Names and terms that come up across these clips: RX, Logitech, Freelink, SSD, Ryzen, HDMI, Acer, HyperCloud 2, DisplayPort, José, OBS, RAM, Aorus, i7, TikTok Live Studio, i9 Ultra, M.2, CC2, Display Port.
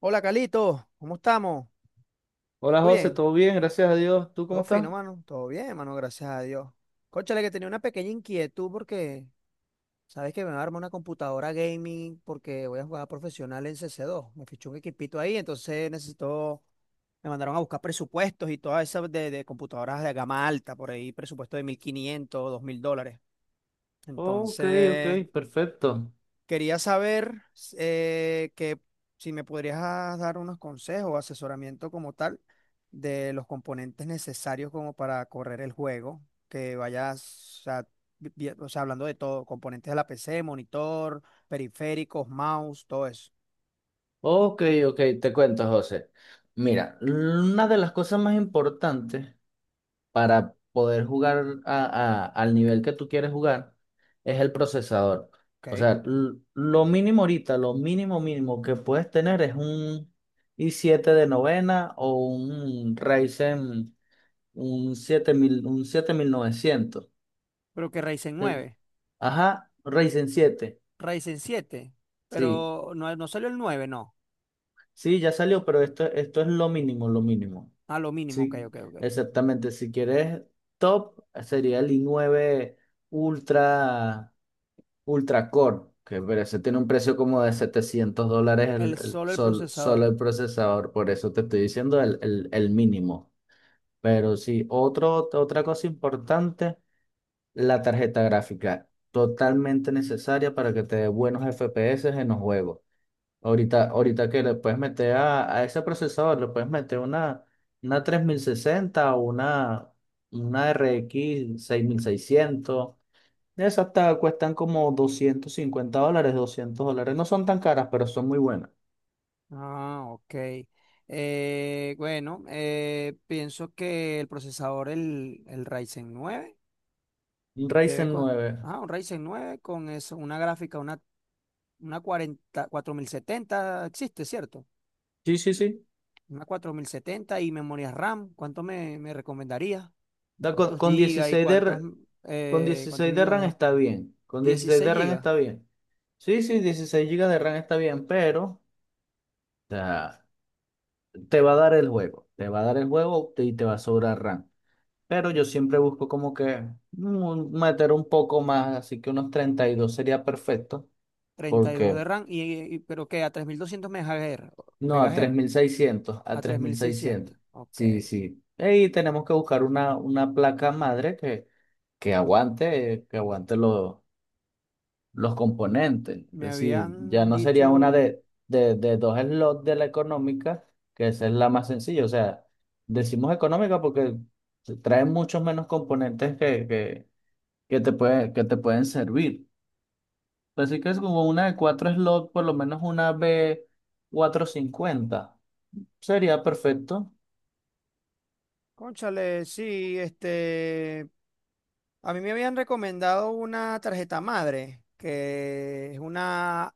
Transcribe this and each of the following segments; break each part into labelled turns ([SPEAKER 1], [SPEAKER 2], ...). [SPEAKER 1] Hola, Calito, ¿cómo estamos?
[SPEAKER 2] Hola
[SPEAKER 1] ¿Todo
[SPEAKER 2] José,
[SPEAKER 1] bien?
[SPEAKER 2] ¿todo bien? Gracias a Dios. ¿Tú cómo
[SPEAKER 1] Todo
[SPEAKER 2] estás?
[SPEAKER 1] fino, mano. Todo bien, mano, gracias a Dios. Cónchale, que tenía una pequeña inquietud porque sabes que me armar una computadora gaming porque voy a jugar profesional en CC2. Me fichó un equipito ahí, entonces necesito. Me mandaron a buscar presupuestos y todas esas de computadoras de gama alta, por ahí presupuesto de 1.500, 2.000 dólares.
[SPEAKER 2] Ok, ok,
[SPEAKER 1] Entonces,
[SPEAKER 2] perfecto.
[SPEAKER 1] quería saber que si me podrías dar unos consejos o asesoramiento como tal de los componentes necesarios como para correr el juego, que vayas, o sea, o sea, hablando de todo, componentes de la PC, monitor, periféricos, mouse, todo eso.
[SPEAKER 2] Ok, ok, te cuento, José. Mira, una de las cosas más importantes para poder jugar al nivel que tú quieres jugar es el procesador. O
[SPEAKER 1] Ok.
[SPEAKER 2] sea, lo mínimo ahorita, lo mínimo mínimo que puedes tener es un i7 de novena o un Ryzen, un 7000 un 7900.
[SPEAKER 1] Pero que Ryzen
[SPEAKER 2] Eh,
[SPEAKER 1] nueve,
[SPEAKER 2] Ajá, Ryzen siete.
[SPEAKER 1] Ryzen 7,
[SPEAKER 2] Sí.
[SPEAKER 1] pero no, no salió el 9, no.
[SPEAKER 2] Sí, ya salió, pero esto es lo mínimo, lo mínimo.
[SPEAKER 1] A lo mínimo, ok,
[SPEAKER 2] Sí,
[SPEAKER 1] ok, ok.
[SPEAKER 2] exactamente. Si quieres top, sería el i9 Ultra, Ultra Core, que pero ese tiene un precio como de $700
[SPEAKER 1] El, solo el
[SPEAKER 2] solo
[SPEAKER 1] procesador.
[SPEAKER 2] el procesador. Por eso te estoy diciendo el mínimo. Pero sí, otra cosa importante, la tarjeta gráfica. Totalmente necesaria para que te dé buenos FPS en los juegos. Ahorita, ahorita que le puedes meter a ese procesador, le puedes meter una 3060 o una RX 6600. Esas hasta cuestan como $250, $200. No son tan caras, pero son muy buenas.
[SPEAKER 1] Ah, ok. Bueno, pienso que el procesador, el Ryzen 9
[SPEAKER 2] Un
[SPEAKER 1] debe
[SPEAKER 2] Ryzen
[SPEAKER 1] co-
[SPEAKER 2] nueve.
[SPEAKER 1] un Ryzen 9 con eso, una gráfica, una cuarenta 4070 existe, ¿cierto?
[SPEAKER 2] Sí, sí, sí.
[SPEAKER 1] Una 4070 y memoria RAM. ¿Cuánto me recomendaría?
[SPEAKER 2] Da con,
[SPEAKER 1] ¿Cuántos
[SPEAKER 2] con
[SPEAKER 1] gigas y
[SPEAKER 2] 16 de,
[SPEAKER 1] cuántos,
[SPEAKER 2] con
[SPEAKER 1] eh, cuántos
[SPEAKER 2] 16 de
[SPEAKER 1] gigas de
[SPEAKER 2] RAM
[SPEAKER 1] RAM?
[SPEAKER 2] está bien. Con 16
[SPEAKER 1] 16
[SPEAKER 2] de RAM
[SPEAKER 1] gigas,
[SPEAKER 2] está bien. Sí, sí, 16 GB de RAM está bien, pero o sea, te va a dar el juego. Te va a dar el juego y te va a sobrar RAM. Pero yo siempre busco como que meter un poco más, así que unos 32 sería perfecto,
[SPEAKER 1] 32
[SPEAKER 2] porque
[SPEAKER 1] de RAM, pero que a 3200 MHz,
[SPEAKER 2] no, a tres
[SPEAKER 1] megahertz,
[SPEAKER 2] mil seiscientos a
[SPEAKER 1] a
[SPEAKER 2] tres
[SPEAKER 1] tres
[SPEAKER 2] mil
[SPEAKER 1] mil
[SPEAKER 2] seiscientos
[SPEAKER 1] seiscientos. Ok.
[SPEAKER 2] Sí, sí. Y tenemos que buscar una placa madre que aguante los componentes. Es
[SPEAKER 1] Me
[SPEAKER 2] decir, ya
[SPEAKER 1] habían
[SPEAKER 2] no sería una
[SPEAKER 1] dicho,
[SPEAKER 2] de dos slots, de la económica, que esa es la más sencilla. O sea, decimos económica porque trae muchos menos componentes que te puede, que te pueden servir. Así que es como una de cuatro slot, por lo menos una B450. Sería perfecto.
[SPEAKER 1] Cónchale, sí, este, a mí me habían recomendado una tarjeta madre, que es una,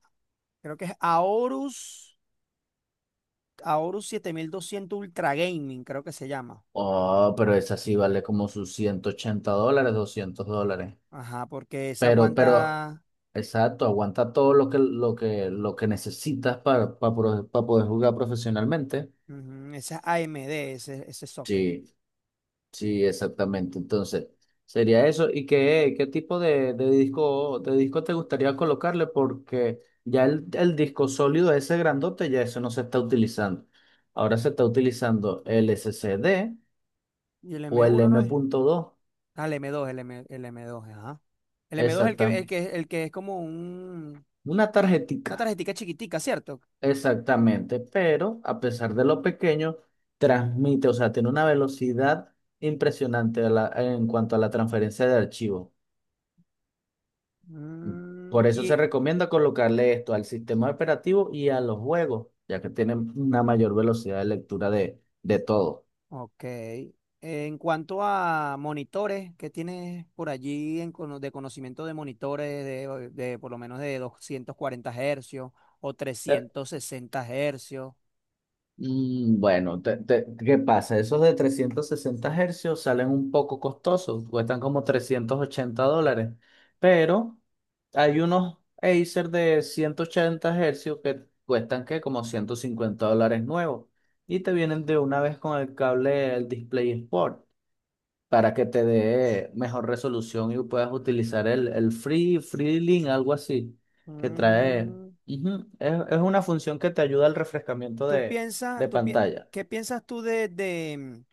[SPEAKER 1] creo que es Aorus, 7200 Ultra Gaming, creo que se llama.
[SPEAKER 2] Oh, pero esa sí vale como sus $180, $200.
[SPEAKER 1] Ajá, porque esa
[SPEAKER 2] Pero,
[SPEAKER 1] aguanta,
[SPEAKER 2] exacto, aguanta todo lo que necesitas para, poder jugar profesionalmente.
[SPEAKER 1] ujú, esa es AMD, ese socket.
[SPEAKER 2] Sí. Sí, exactamente. Entonces, sería eso. ¿Y qué, qué tipo de disco te gustaría colocarle? Porque ya el disco sólido ese grandote, ya eso no se está utilizando. Ahora se está utilizando el SSD
[SPEAKER 1] Y el
[SPEAKER 2] o
[SPEAKER 1] m
[SPEAKER 2] el
[SPEAKER 1] uno no
[SPEAKER 2] M
[SPEAKER 1] es.
[SPEAKER 2] punto dos,
[SPEAKER 1] Ah, el m dos, ajá. El m dos es el
[SPEAKER 2] Exacta.
[SPEAKER 1] que, el que, el que es como un,
[SPEAKER 2] Una
[SPEAKER 1] una
[SPEAKER 2] tarjetica.
[SPEAKER 1] tarjetita chiquitica, ¿cierto?
[SPEAKER 2] Exactamente. Pero a pesar de lo pequeño, transmite, o sea, tiene una velocidad impresionante en cuanto a la transferencia de archivos. Por
[SPEAKER 1] Mm,
[SPEAKER 2] eso se
[SPEAKER 1] y
[SPEAKER 2] recomienda colocarle esto al sistema operativo y a los juegos, ya que tienen una mayor velocidad de lectura de todo.
[SPEAKER 1] Ok. En cuanto a monitores, ¿qué tienes por allí en de conocimiento de monitores de por lo menos de 240 hercios o
[SPEAKER 2] Eh,
[SPEAKER 1] 360 hercios?
[SPEAKER 2] Bueno, ¿qué pasa? Esos de 360 Hz salen un poco costosos, cuestan como $380, pero hay unos Acer de 180 Hz que cuestan que como $150 nuevos y te vienen de una vez con el cable, el Display Sport, para que te dé mejor resolución y puedas utilizar el Free, Freelink, algo así, que trae.
[SPEAKER 1] Mm,
[SPEAKER 2] Ujú. Es una función que te ayuda al refrescamiento
[SPEAKER 1] ¿tú piensas,
[SPEAKER 2] de
[SPEAKER 1] tú pi-
[SPEAKER 2] pantalla.
[SPEAKER 1] qué piensas tú de,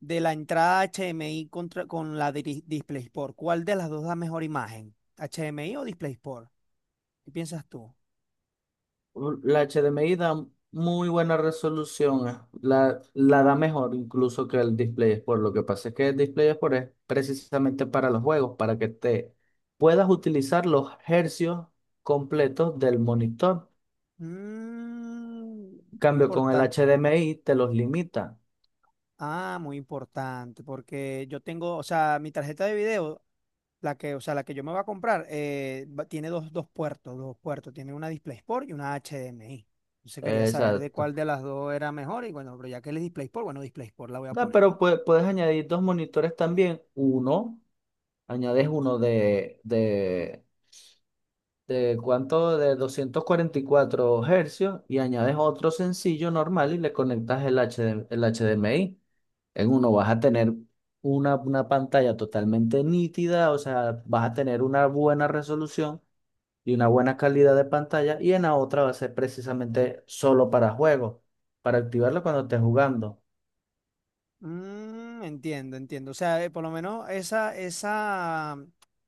[SPEAKER 1] de la entrada HMI con la DisplayPort? ¿Cuál de las dos da mejor imagen? ¿HMI o DisplayPort? ¿Qué piensas tú?
[SPEAKER 2] La HDMI da muy buena resolución, la, la da mejor incluso que el Display Export. Lo que pasa es que el Display Export es precisamente para los juegos, para que te puedas utilizar los hercios completos del monitor. En
[SPEAKER 1] Muy
[SPEAKER 2] cambio, con el
[SPEAKER 1] importante.
[SPEAKER 2] HDMI te los limita.
[SPEAKER 1] Ah, muy importante, porque yo tengo, o sea, mi tarjeta de video, la que, o sea, la que yo me voy a comprar, tiene dos puertos, tiene una DisplayPort y una HDMI. Entonces quería saber de
[SPEAKER 2] Exacto.
[SPEAKER 1] cuál de las dos era mejor y bueno, pero ya que él es DisplayPort, bueno, DisplayPort la voy a
[SPEAKER 2] No,
[SPEAKER 1] poner.
[SPEAKER 2] pero puedes añadir dos monitores también. Uno, añades uno de cuánto, de 244 Hz y añades otro sencillo normal y le conectas el HDMI. En uno vas a tener una pantalla totalmente nítida, o sea, vas a tener una buena resolución y una buena calidad de pantalla y en la otra va a ser precisamente solo para juegos, para activarlo cuando estés jugando.
[SPEAKER 1] Entiendo, entiendo. O sea, por lo menos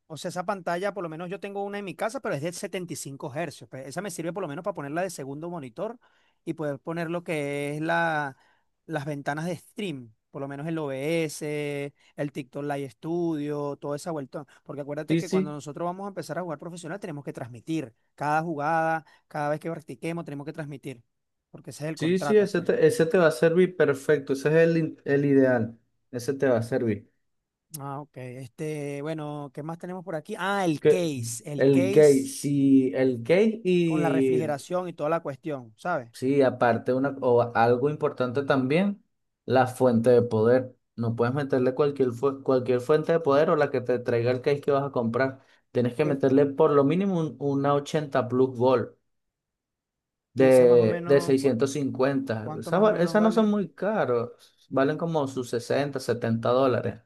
[SPEAKER 1] o sea, esa pantalla, por lo menos yo tengo una en mi casa, pero es de 75 Hz, pues, esa me sirve por lo menos para ponerla de segundo monitor y poder poner lo que es las ventanas de stream, por lo menos el OBS, el TikTok Live Studio, toda esa vuelta. Porque acuérdate
[SPEAKER 2] Sí,
[SPEAKER 1] que cuando
[SPEAKER 2] sí.
[SPEAKER 1] nosotros vamos a empezar a jugar profesional, tenemos que transmitir cada jugada, cada vez que practiquemos, tenemos que transmitir, porque ese es el
[SPEAKER 2] Sí, sí,
[SPEAKER 1] contrato, pues.
[SPEAKER 2] ese te va a servir perfecto, ese es el ideal, ese te va a servir.
[SPEAKER 1] Ah, ok. Este, bueno, ¿qué más tenemos por aquí? Ah,
[SPEAKER 2] Que,
[SPEAKER 1] el
[SPEAKER 2] el gay,
[SPEAKER 1] case
[SPEAKER 2] sí,
[SPEAKER 1] con la refrigeración y toda la cuestión, ¿sabes?
[SPEAKER 2] sí, aparte una, o algo importante también, la fuente de poder. No puedes meterle cualquier fuente de poder o la que te traiga el case que vas a comprar. Tienes que
[SPEAKER 1] Eh,
[SPEAKER 2] meterle por lo mínimo una 80 Plus volt
[SPEAKER 1] ¿Y esa más o
[SPEAKER 2] de
[SPEAKER 1] menos,
[SPEAKER 2] 650.
[SPEAKER 1] cuánto
[SPEAKER 2] Esas,
[SPEAKER 1] más o menos
[SPEAKER 2] esas no son
[SPEAKER 1] vale?
[SPEAKER 2] muy caros, valen como sus 60, 70 dólares.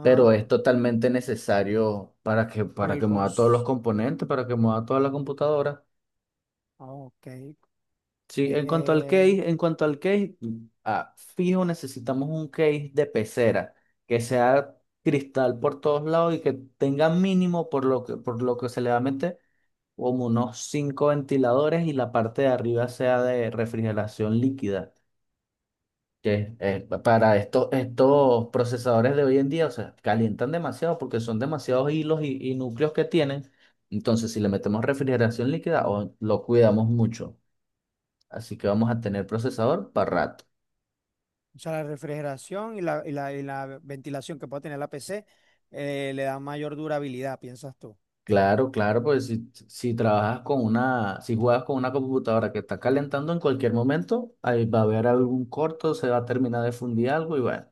[SPEAKER 2] Pero es totalmente necesario
[SPEAKER 1] por
[SPEAKER 2] para
[SPEAKER 1] el
[SPEAKER 2] que mueva
[SPEAKER 1] cons...
[SPEAKER 2] todos los componentes, para que mueva toda la computadora.
[SPEAKER 1] ah, Ok.
[SPEAKER 2] Sí, en cuanto al
[SPEAKER 1] Eh,
[SPEAKER 2] case, en cuanto al case, ah, fijo, necesitamos un case de pecera que sea cristal por todos lados y que tenga mínimo por lo que se le va a meter como unos cinco ventiladores y la parte de arriba sea de refrigeración líquida. Que para estos procesadores de hoy en día, o sea, calientan demasiado porque son demasiados hilos y núcleos que tienen. Entonces, si le metemos refrigeración líquida, o lo cuidamos mucho. Así que vamos a tener procesador para rato.
[SPEAKER 1] o sea, la refrigeración y la ventilación que puede tener la PC, le da mayor durabilidad, piensas tú.
[SPEAKER 2] Claro, claro, pues si, si trabajas con una, si juegas con una computadora que está calentando en cualquier momento, ahí va a haber algún corto, se va a terminar de fundir algo y bueno,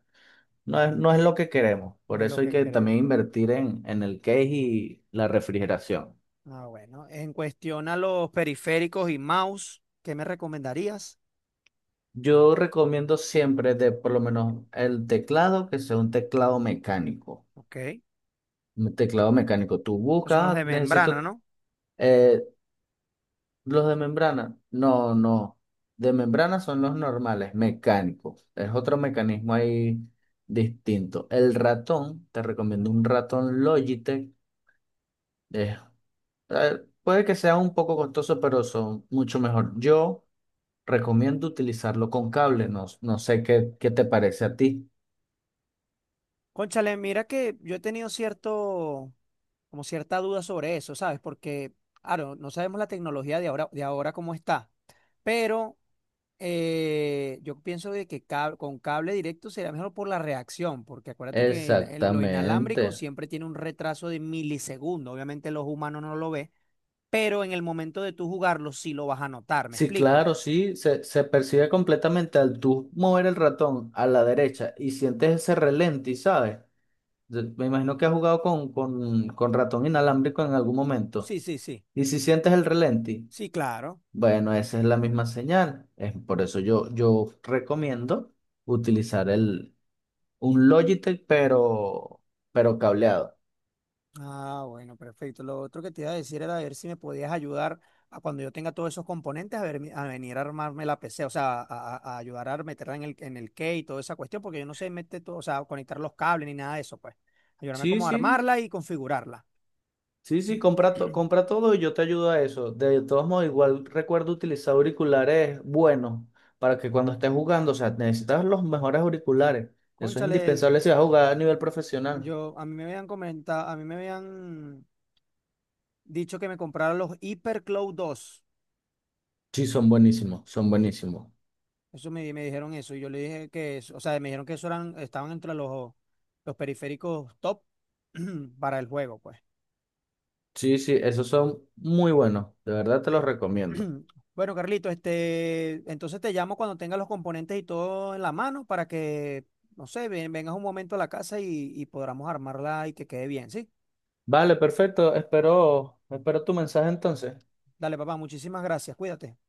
[SPEAKER 2] no es lo que queremos.
[SPEAKER 1] No
[SPEAKER 2] Por
[SPEAKER 1] es lo
[SPEAKER 2] eso hay
[SPEAKER 1] que
[SPEAKER 2] que
[SPEAKER 1] queremos.
[SPEAKER 2] también invertir en el case y la refrigeración.
[SPEAKER 1] Ah, bueno. En cuestión a los periféricos y mouse, ¿qué me recomendarías?
[SPEAKER 2] Yo recomiendo siempre de por lo menos el teclado, que sea un teclado mecánico.
[SPEAKER 1] Ok.
[SPEAKER 2] Un teclado mecánico. Tú
[SPEAKER 1] Esos son los
[SPEAKER 2] buscas, "Ah,
[SPEAKER 1] de membrana,
[SPEAKER 2] necesito
[SPEAKER 1] ¿no?
[SPEAKER 2] eh, los de membrana". No, no. De membrana son los normales, mecánicos. Es otro mecanismo ahí distinto. El ratón, te recomiendo un ratón Logitech. Es puede que sea un poco costoso, pero son mucho mejor. Yo recomiendo utilizarlo con cable. No, no sé qué, qué te parece a ti.
[SPEAKER 1] Cónchale, mira que yo he tenido cierto, como cierta duda sobre eso, ¿sabes? Porque, claro, no sabemos la tecnología de ahora, cómo está, pero yo pienso de que con cable directo sería mejor por la reacción, porque acuérdate que lo inalámbrico
[SPEAKER 2] Exactamente.
[SPEAKER 1] siempre tiene un retraso de milisegundos, obviamente los humanos no lo ven, pero en el momento de tú jugarlo sí lo vas a notar, ¿me
[SPEAKER 2] Sí,
[SPEAKER 1] explico?
[SPEAKER 2] claro, sí, se percibe completamente al tú mover el ratón a la derecha y sientes ese relenti, ¿sabes? Yo- Me imagino que has jugado con ratón inalámbrico en algún momento.
[SPEAKER 1] Sí, sí, sí,
[SPEAKER 2] Y si sientes el relenti,
[SPEAKER 1] sí, claro.
[SPEAKER 2] bueno, esa es la misma señal. Es por eso yo, yo recomiendo utilizar un Logitech, pero cableado.
[SPEAKER 1] Ah, bueno, perfecto. Lo otro que te iba a decir era ver si me podías ayudar a cuando yo tenga todos esos componentes a, ver, a venir a armarme la PC, o sea, a ayudar a meterla en en el key y toda esa cuestión, porque yo no sé meter todo, o sea, conectar los cables ni nada de eso, pues. Ayudarme
[SPEAKER 2] Sí,
[SPEAKER 1] como a
[SPEAKER 2] sí.
[SPEAKER 1] armarla y configurarla.
[SPEAKER 2] Sí, sí, compra, compra todo y yo te ayudo a eso. De todos modos, igual recuerdo utilizar auriculares buenos para que cuando estés jugando, o sea, necesitas los mejores auriculares. Eso es
[SPEAKER 1] Cónchale,
[SPEAKER 2] indispensable si vas a jugar a nivel profesional.
[SPEAKER 1] a mí me habían dicho que me comprara los HyperCloud 2.
[SPEAKER 2] Sí, son buenísimos, son buenísimos.
[SPEAKER 1] Eso me dijeron eso. Y yo le dije que, o sea, me dijeron que eso eran, estaban entre los periféricos top para el juego, pues.
[SPEAKER 2] Sí, sí, esos son muy buenos. De verdad te los recomiendo.
[SPEAKER 1] Bueno, Carlito, este, entonces te llamo cuando tengas los componentes y todo en la mano para que, no sé, vengas un momento a la casa y podamos armarla y que quede bien, ¿sí?
[SPEAKER 2] Vale, perfecto. Espero, espero tu mensaje entonces.
[SPEAKER 1] Dale, papá, muchísimas gracias. Cuídate.